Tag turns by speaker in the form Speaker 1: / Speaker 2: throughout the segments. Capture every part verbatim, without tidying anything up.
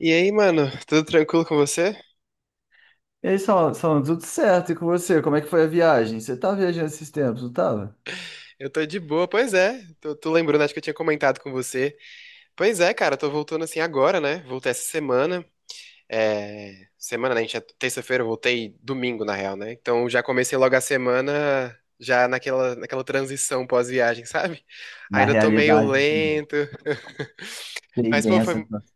Speaker 1: E aí, mano, tudo tranquilo com você?
Speaker 2: E aí, Saulo, Saulo, tudo certo? E com você? Como é que foi a viagem? Você tá viajando esses tempos, não tava?
Speaker 1: Eu tô de boa, pois é. Tô, tô lembrando, acho que eu tinha comentado com você. Pois é, cara, tô voltando assim agora, né? Voltei essa semana. É, semana, né? A gente é terça-feira, eu voltei domingo, na real, né? Então já comecei logo a semana, já naquela, naquela transição pós-viagem, sabe?
Speaker 2: Na
Speaker 1: Ainda tô meio
Speaker 2: realidade, amor.
Speaker 1: lento.
Speaker 2: Sei
Speaker 1: Mas,
Speaker 2: bem
Speaker 1: pô,
Speaker 2: essa
Speaker 1: foi,
Speaker 2: situação.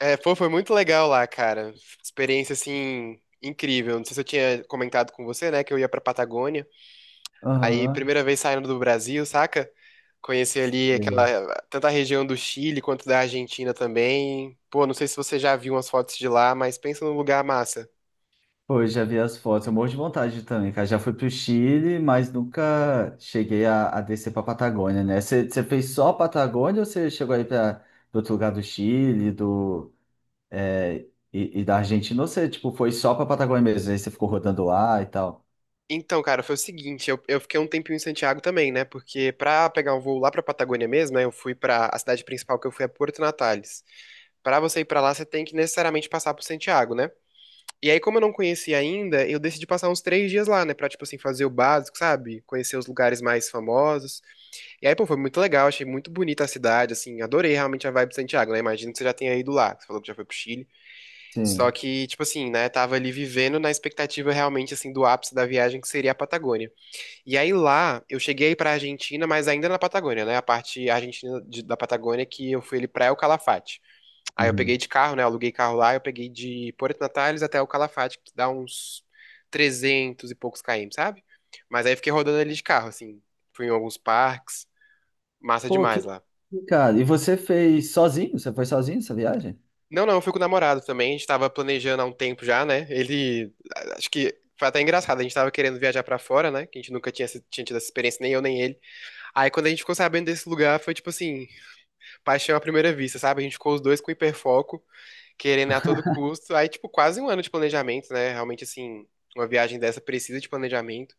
Speaker 1: é, pô, foi muito legal lá, cara. Experiência, assim, incrível. Não sei se eu tinha comentado com você, né? Que eu ia pra Patagônia. Aí,
Speaker 2: Aham.
Speaker 1: primeira vez saindo do Brasil, saca? Conheci ali
Speaker 2: Sei.
Speaker 1: aquela, tanto a região do Chile quanto da Argentina também. Pô, não sei se você já viu umas fotos de lá, mas pensa num lugar massa.
Speaker 2: Pô, eu já vi as fotos. Eu morro de vontade também, cara. Já fui pro Chile, mas nunca cheguei a, a descer pra Patagônia, né? Você você fez só a Patagônia ou você chegou aí pra pra outro lugar do Chile, do, é, e, e da Argentina? Ou você, tipo, foi só pra Patagônia mesmo? Aí você ficou rodando lá e tal?
Speaker 1: Então, cara, foi o seguinte, eu, eu fiquei um tempinho em Santiago também, né? Porque pra pegar um voo lá pra Patagônia mesmo, né? Eu fui pra, a cidade principal que eu fui é Porto Natales. Pra você ir pra lá, você tem que necessariamente passar por Santiago, né? E aí, como eu não conhecia ainda, eu decidi passar uns três dias lá, né? Pra, tipo assim, fazer o básico, sabe? Conhecer os lugares mais famosos. E aí, pô, foi muito legal, achei muito bonita a cidade, assim, adorei realmente a vibe de Santiago, né? Imagino que você já tenha ido lá, que você falou que já foi pro Chile. Só
Speaker 2: Sim.
Speaker 1: que, tipo assim, né, tava ali vivendo na expectativa realmente, assim, do ápice da viagem, que seria a Patagônia. E aí lá, eu cheguei pra Argentina, mas ainda na Patagônia, né? A parte argentina de- da Patagônia que eu fui ali pra El Calafate. Aí eu peguei
Speaker 2: Uhum.
Speaker 1: de carro, né? Aluguei carro lá, eu peguei de Porto Natales até El Calafate, que dá uns trezentos e poucos quilômetros, sabe? Mas aí fiquei rodando ali de carro, assim, fui em alguns parques, massa
Speaker 2: Pô, que,
Speaker 1: demais lá.
Speaker 2: que cara. E você fez sozinho? Você foi sozinho essa viagem?
Speaker 1: Não, não, eu fui com o namorado também. A gente tava planejando há um tempo já, né? Ele. a- Acho que foi até engraçado. A gente tava querendo viajar pra fora, né? Que a gente nunca tinha, se- tinha tido essa experiência, nem eu, nem ele. Aí quando a gente ficou sabendo desse lugar, foi tipo assim, paixão à primeira vista, sabe? A gente ficou os dois com hiperfoco, querendo a todo custo. Aí, tipo, quase um ano de planejamento, né? Realmente, assim, uma viagem dessa precisa de planejamento.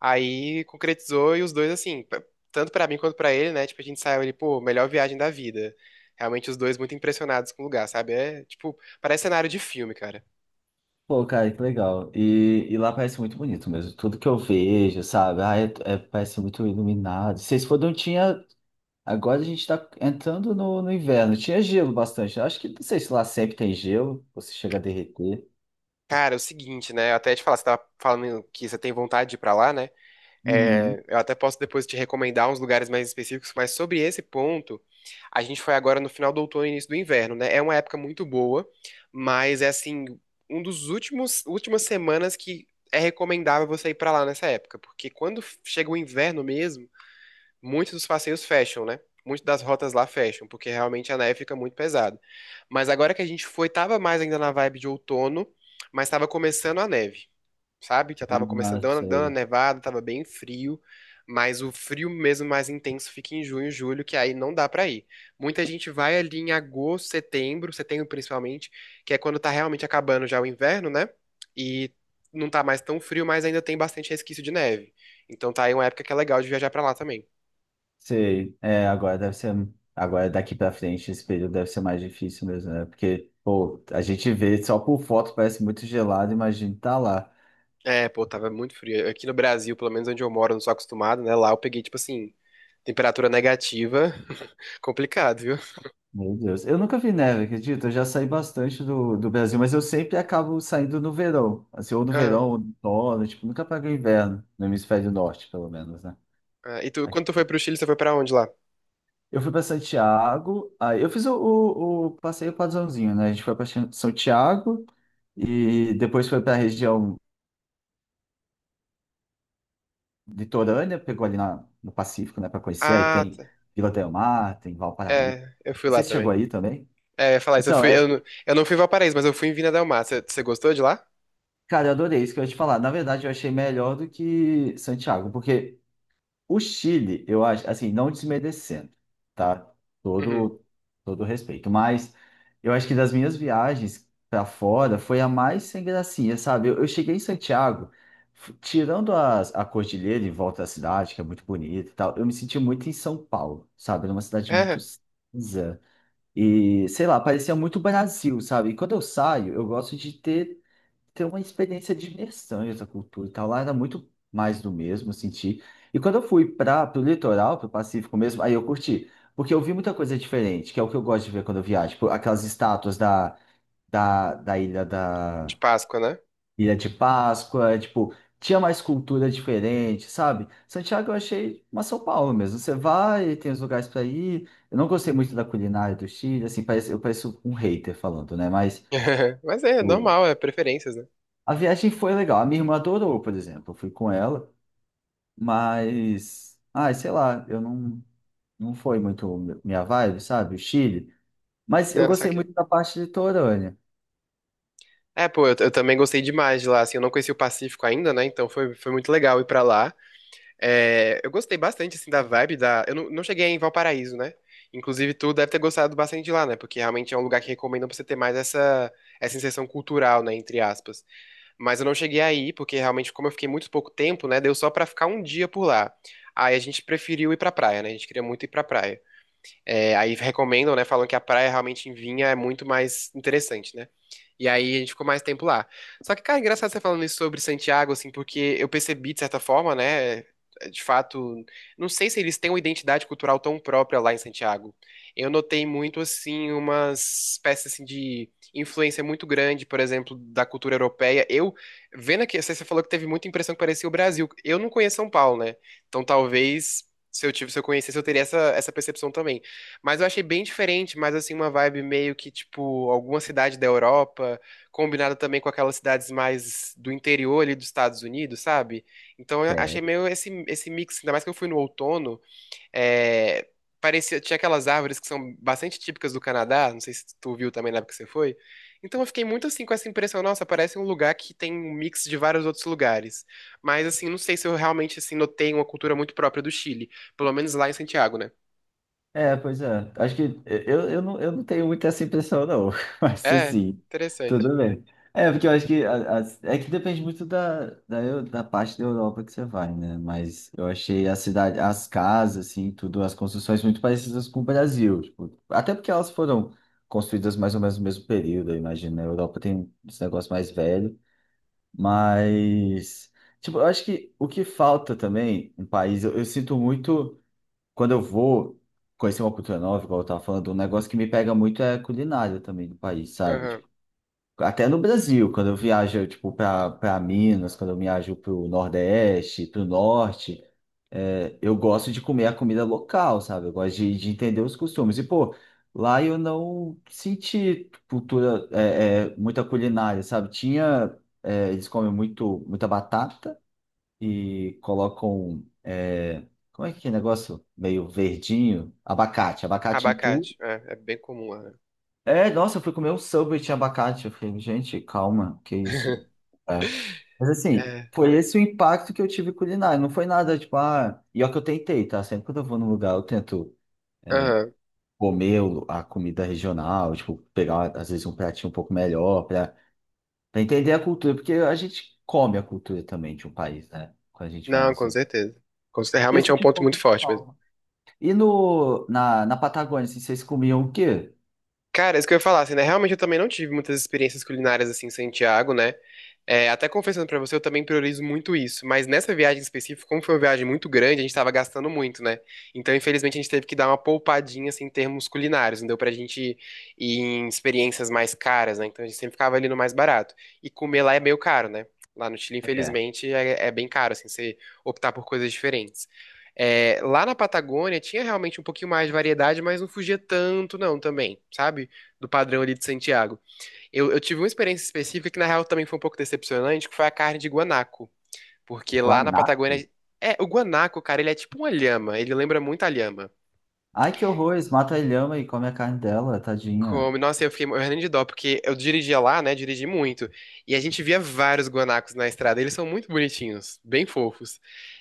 Speaker 1: Aí concretizou e os dois, assim, p- tanto pra mim quanto pra ele, né? Tipo, a gente saiu ele, pô, melhor viagem da vida. Realmente os dois muito impressionados com o lugar, sabe? É, tipo, parece cenário de filme, cara.
Speaker 2: Pô, cara, que legal. E, e lá parece muito bonito mesmo. Tudo que eu vejo, sabe? Ah, é, é- parece muito iluminado. Vocês foram, tinha. Agora a gente tá entrando no, no inverno. Tinha gelo bastante. Eu Acho que, não sei se lá sempre tem gelo, você chega a derreter.
Speaker 1: Cara, é o seguinte, né? Eu até te falar, você tava falando que você tem vontade de ir pra lá, né? É,
Speaker 2: Uhum.
Speaker 1: eu até posso depois te recomendar uns lugares mais específicos, mas sobre esse ponto, a gente foi agora no final do outono e início do inverno, né? É uma época muito boa, mas é assim, um dos últimos últimas semanas que é recomendável você ir pra lá nessa época, porque quando chega o inverno mesmo, muitos dos passeios fecham, né? Muitas das rotas lá fecham, porque realmente a neve fica muito pesada. Mas agora que a gente foi, tava mais ainda na vibe de outono, mas tava começando a neve sabe? Já tava começando
Speaker 2: Ah,
Speaker 1: dando, dando a
Speaker 2: sei.
Speaker 1: nevada, tava bem frio, mas o frio mesmo mais intenso fica em junho, julho, que aí não dá pra ir. Muita gente vai ali em agosto, setembro, setembro principalmente, que é quando tá realmente acabando já o inverno, né? E não tá mais tão frio, mas ainda tem bastante resquício de neve. Então tá aí uma época que é legal de viajar pra lá também.
Speaker 2: Sei. É, agora deve ser. Agora daqui pra frente, esse período deve ser mais difícil mesmo, né? Porque, pô, a gente vê só por foto, parece muito gelado, imagina tá lá.
Speaker 1: É, pô, tava muito frio. Aqui no Brasil, pelo menos onde eu moro, eu não sou acostumado, né? Lá eu peguei, tipo assim, temperatura negativa. Complicado, viu?
Speaker 2: Meu Deus. Eu nunca vi neve, acredito. Eu já saí bastante do, do Brasil, mas eu sempre acabo saindo no verão. Assim, ou no verão, ou no outono, tipo, nunca pego inverno, no hemisfério norte, pelo menos, né?
Speaker 1: Ah, e tu,
Speaker 2: Aqui.
Speaker 1: quando tu foi pro Chile, você foi pra onde lá?
Speaker 2: Eu fui para Santiago, aí eu fiz o, o, o passeio padrãozinho, né? A gente foi para São Tiago e depois foi para a região litorânea, pegou ali na, no Pacífico, né, para conhecer. Aí
Speaker 1: Ah,
Speaker 2: tem
Speaker 1: tá.
Speaker 2: Vila del Mar, tem Valparaíso.
Speaker 1: É, eu fui
Speaker 2: Não
Speaker 1: lá
Speaker 2: sei se chegou
Speaker 1: também.
Speaker 2: aí também.
Speaker 1: É, eu ia falar isso, eu
Speaker 2: Então,
Speaker 1: fui,
Speaker 2: é,
Speaker 1: eu, não- eu não fui em Valparaíso, mas eu fui em Vina Del Mar. Você você gostou de lá?
Speaker 2: Cara, eu adorei isso que eu ia te falar. Na verdade, eu achei melhor do que Santiago, porque o Chile, eu acho, assim, não desmerecendo, tá?
Speaker 1: Uhum.
Speaker 2: Todo, todo respeito. Mas eu acho que das minhas viagens pra fora foi a mais sem gracinha, sabe? Eu, eu cheguei em Santiago, f- tirando as, a cordilheira em volta da cidade, que é muito bonita e tal, eu me senti muito em São Paulo, sabe? Era uma cidade muito
Speaker 1: É,
Speaker 2: cinza. E, sei lá, parecia muito Brasil, sabe? E quando eu saio, eu gosto de ter ter uma experiência de imersão em outra cultura e tal. Lá era muito mais do mesmo, eu senti. E quando eu fui para o litoral, para o Pacífico mesmo, aí eu curti. Porque eu vi muita coisa diferente, que é o que eu gosto de ver quando eu viajo. Tipo, aquelas estátuas da, da, da ilha da
Speaker 1: de Páscoa, né?
Speaker 2: Ilha de Páscoa, tipo, tinha mais cultura diferente, sabe? Santiago eu achei uma São Paulo mesmo. Você vai, tem os lugares para ir. Eu não gostei muito da culinária do Chile, assim, parece, eu pareço um hater falando, né? Mas
Speaker 1: Mas é normal, é preferências, né?
Speaker 2: a viagem foi legal. A minha irmã adorou, por exemplo. Eu fui com ela, mas, ai, sei lá, eu não, não foi muito minha vibe, sabe? O Chile. Mas eu
Speaker 1: Não,
Speaker 2: gostei
Speaker 1: saquei.
Speaker 2: muito da parte litorânea.
Speaker 1: É, pô, eu, eu também gostei demais de lá, assim, eu não conheci o Pacífico ainda, né? Então foi, foi muito legal ir pra lá. É, eu gostei bastante, assim, da vibe da... Eu não, não cheguei em Valparaíso, né? Inclusive, tu deve ter gostado bastante de lá, né? Porque realmente é um lugar que recomendam pra você ter mais essa, essa inserção cultural, né? Entre aspas. Mas eu não cheguei aí, porque realmente, como eu fiquei muito pouco tempo, né, deu só pra ficar um dia por lá. Aí a gente preferiu ir pra praia, né? A gente queria muito ir pra praia. É, aí recomendam, né? Falam que a praia realmente em Vinha é muito mais interessante, né? E aí a gente ficou mais tempo lá. Só que, cara, é engraçado você falando isso sobre Santiago, assim, porque eu percebi, de certa forma, né? De fato, não sei se eles têm uma identidade cultural tão própria lá em Santiago. Eu notei muito, assim, umas espécies assim, de influência muito grande, por exemplo, da cultura europeia. Eu, vendo aqui, você falou que teve muita impressão que parecia o Brasil. Eu não conheço São Paulo, né? Então talvez se eu tive, se eu conhecesse, eu teria essa, essa percepção também. Mas eu achei bem diferente, mas assim, uma vibe meio que, tipo, alguma cidade da Europa, combinada também com aquelas cidades mais do interior ali dos Estados Unidos, sabe? Então eu achei meio esse, esse mix, ainda mais que eu fui no outono, é, parecia, tinha aquelas árvores que são bastante típicas do Canadá, não sei se tu viu também na época que você foi. Então eu fiquei muito assim com essa impressão, nossa, parece um lugar que tem um mix de vários outros lugares. Mas assim, não sei se eu realmente assim notei uma cultura muito própria do Chile, pelo menos lá em Santiago, né?
Speaker 2: É, pois é. Acho que eu, eu, não, eu não tenho muito essa impressão, não. Mas
Speaker 1: É,
Speaker 2: assim,
Speaker 1: interessante.
Speaker 2: tudo bem. É, porque eu acho que a- as- é que depende muito da, da, eu- da parte da Europa que você vai, né? Mas eu achei a cidade, as casas, assim, tudo, as construções muito parecidas com o Brasil. Tipo, até porque elas foram construídas mais ou menos no mesmo período, eu imagino, né? A Europa tem esse negócio mais velho, mas. Tipo, eu acho que o que falta também no país, eu eu sinto muito quando eu vou conhecer uma cultura nova, igual eu tava falando, um negócio que me pega muito é a culinária também do país, sabe?
Speaker 1: Aham.
Speaker 2: Tipo, até no Brasil, quando eu viajo, tipo, pra, pra Minas, quando eu viajo pro Nordeste, pro Norte, é, eu gosto de comer a comida local, sabe? Eu gosto de, de entender os costumes. E, pô, lá eu não senti cultura, é, é, muita culinária, sabe? Tinha, é, eles comem muito, muita batata, e colocam, é, como é que é negócio? Meio verdinho, abacate, abacate em tudo.
Speaker 1: Abacate. É, é bem comum, né?
Speaker 2: É, nossa, eu fui comer um Subway e tinha abacate. Eu falei, gente, calma, que isso? É. Mas assim,
Speaker 1: É.
Speaker 2: foi esse o impacto que eu tive culinário. Não foi nada, tipo, ah... E ó que eu tentei, tá? Sempre quando eu vou num lugar, eu tento
Speaker 1: Aham.
Speaker 2: comer o- a comida regional, tipo, pegar, às vezes, um pratinho um pouco melhor pra, pra entender a cultura. Porque a gente come a cultura também de um país, né? Quando a gente vai
Speaker 1: Não,
Speaker 2: nos...
Speaker 1: com
Speaker 2: E
Speaker 1: certeza. Com cer-
Speaker 2: eu
Speaker 1: Realmente é um
Speaker 2: senti um
Speaker 1: ponto muito
Speaker 2: pouco...
Speaker 1: forte.
Speaker 2: E no, na, na Patagônia, assim, vocês comiam o quê?
Speaker 1: Cara, isso que eu ia falar, assim, né? Realmente eu também não tive muitas experiências culinárias assim em Santiago, né? É, até confessando pra você, eu também priorizo muito isso. Mas nessa viagem específica, como foi uma viagem muito grande, a gente tava gastando muito, né? Então, infelizmente, a gente teve que dar uma poupadinha assim, em termos culinários. Não deu pra gente ir em experiências mais caras, né? Então a gente sempre ficava ali no mais barato. E comer lá é meio caro, né? Lá no Chile,
Speaker 2: É.
Speaker 1: infelizmente, é, é bem caro, assim, você optar por coisas diferentes. É, lá na Patagônia tinha realmente um pouquinho mais de variedade, mas não fugia tanto, não, também, sabe? Do padrão ali de Santiago. Eu, eu tive uma experiência específica que, na real, também foi um pouco decepcionante, que foi a carne de guanaco. Porque lá na
Speaker 2: Guanaco?
Speaker 1: Patagônia. É, o guanaco, cara, ele é tipo uma lhama, ele lembra muito a lhama.
Speaker 2: Ai, que horror, eles matam a lhama e comem a carne dela, tadinha.
Speaker 1: Como, nossa, eu fiquei morrendo de dó, porque eu dirigia lá, né? Dirigi muito. E a gente via vários guanacos na estrada. Eles são muito bonitinhos, bem fofos.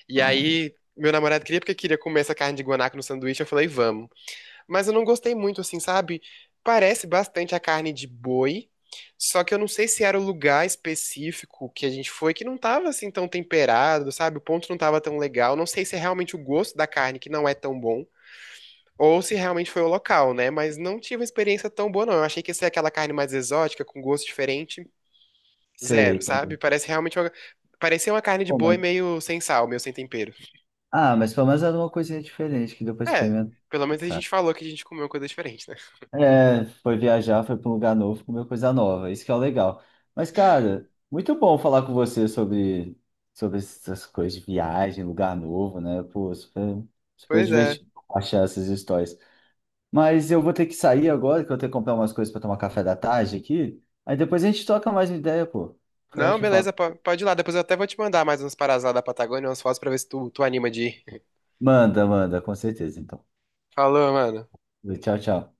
Speaker 1: E
Speaker 2: Ah,
Speaker 1: aí, meu namorado queria porque queria comer essa carne de guanaco no sanduíche. Eu falei, vamos. Mas eu não gostei muito, assim, sabe? Parece bastante a carne de boi, só que eu não sei se era o lugar específico que a gente foi, que não tava assim tão temperado, sabe? O ponto não tava tão legal. Não sei se é realmente o gosto da carne que não é tão bom, ou se realmente foi o local, né? Mas não tive uma experiência tão boa, não. Eu achei que ia ser aquela carne mais exótica, com gosto diferente,
Speaker 2: sei,
Speaker 1: zero,
Speaker 2: pode.
Speaker 1: sabe? Parece realmente uma... Parecia uma carne de
Speaker 2: Pô,
Speaker 1: boi
Speaker 2: mas...
Speaker 1: meio sem sal, meio sem tempero.
Speaker 2: Ah, mas pelo menos era uma coisinha diferente que deu pra
Speaker 1: É,
Speaker 2: experimentar,
Speaker 1: pelo menos a
Speaker 2: cara.
Speaker 1: gente falou que a gente comeu coisa diferente, né?
Speaker 2: É, foi viajar, foi para um lugar novo, comeu coisa nova, isso que é o legal. Mas, cara, muito bom falar com você sobre, sobre essas coisas de viagem, lugar novo, né? Pô, super, super
Speaker 1: Pois é.
Speaker 2: divertido achar essas histórias. Mas eu vou ter que sair agora, que eu tenho que comprar umas coisas para tomar café da tarde aqui. Aí depois a gente troca mais uma ideia, pô. Foi
Speaker 1: Não,
Speaker 2: ótimo falar.
Speaker 1: beleza, po- pode ir lá. Depois eu até vou te mandar mais umas paradas lá da Patagônia, umas fotos pra ver se tu, tu anima de ir.
Speaker 2: Manda, manda, com certeza, então.
Speaker 1: Falou, mano.
Speaker 2: Tchau, tchau.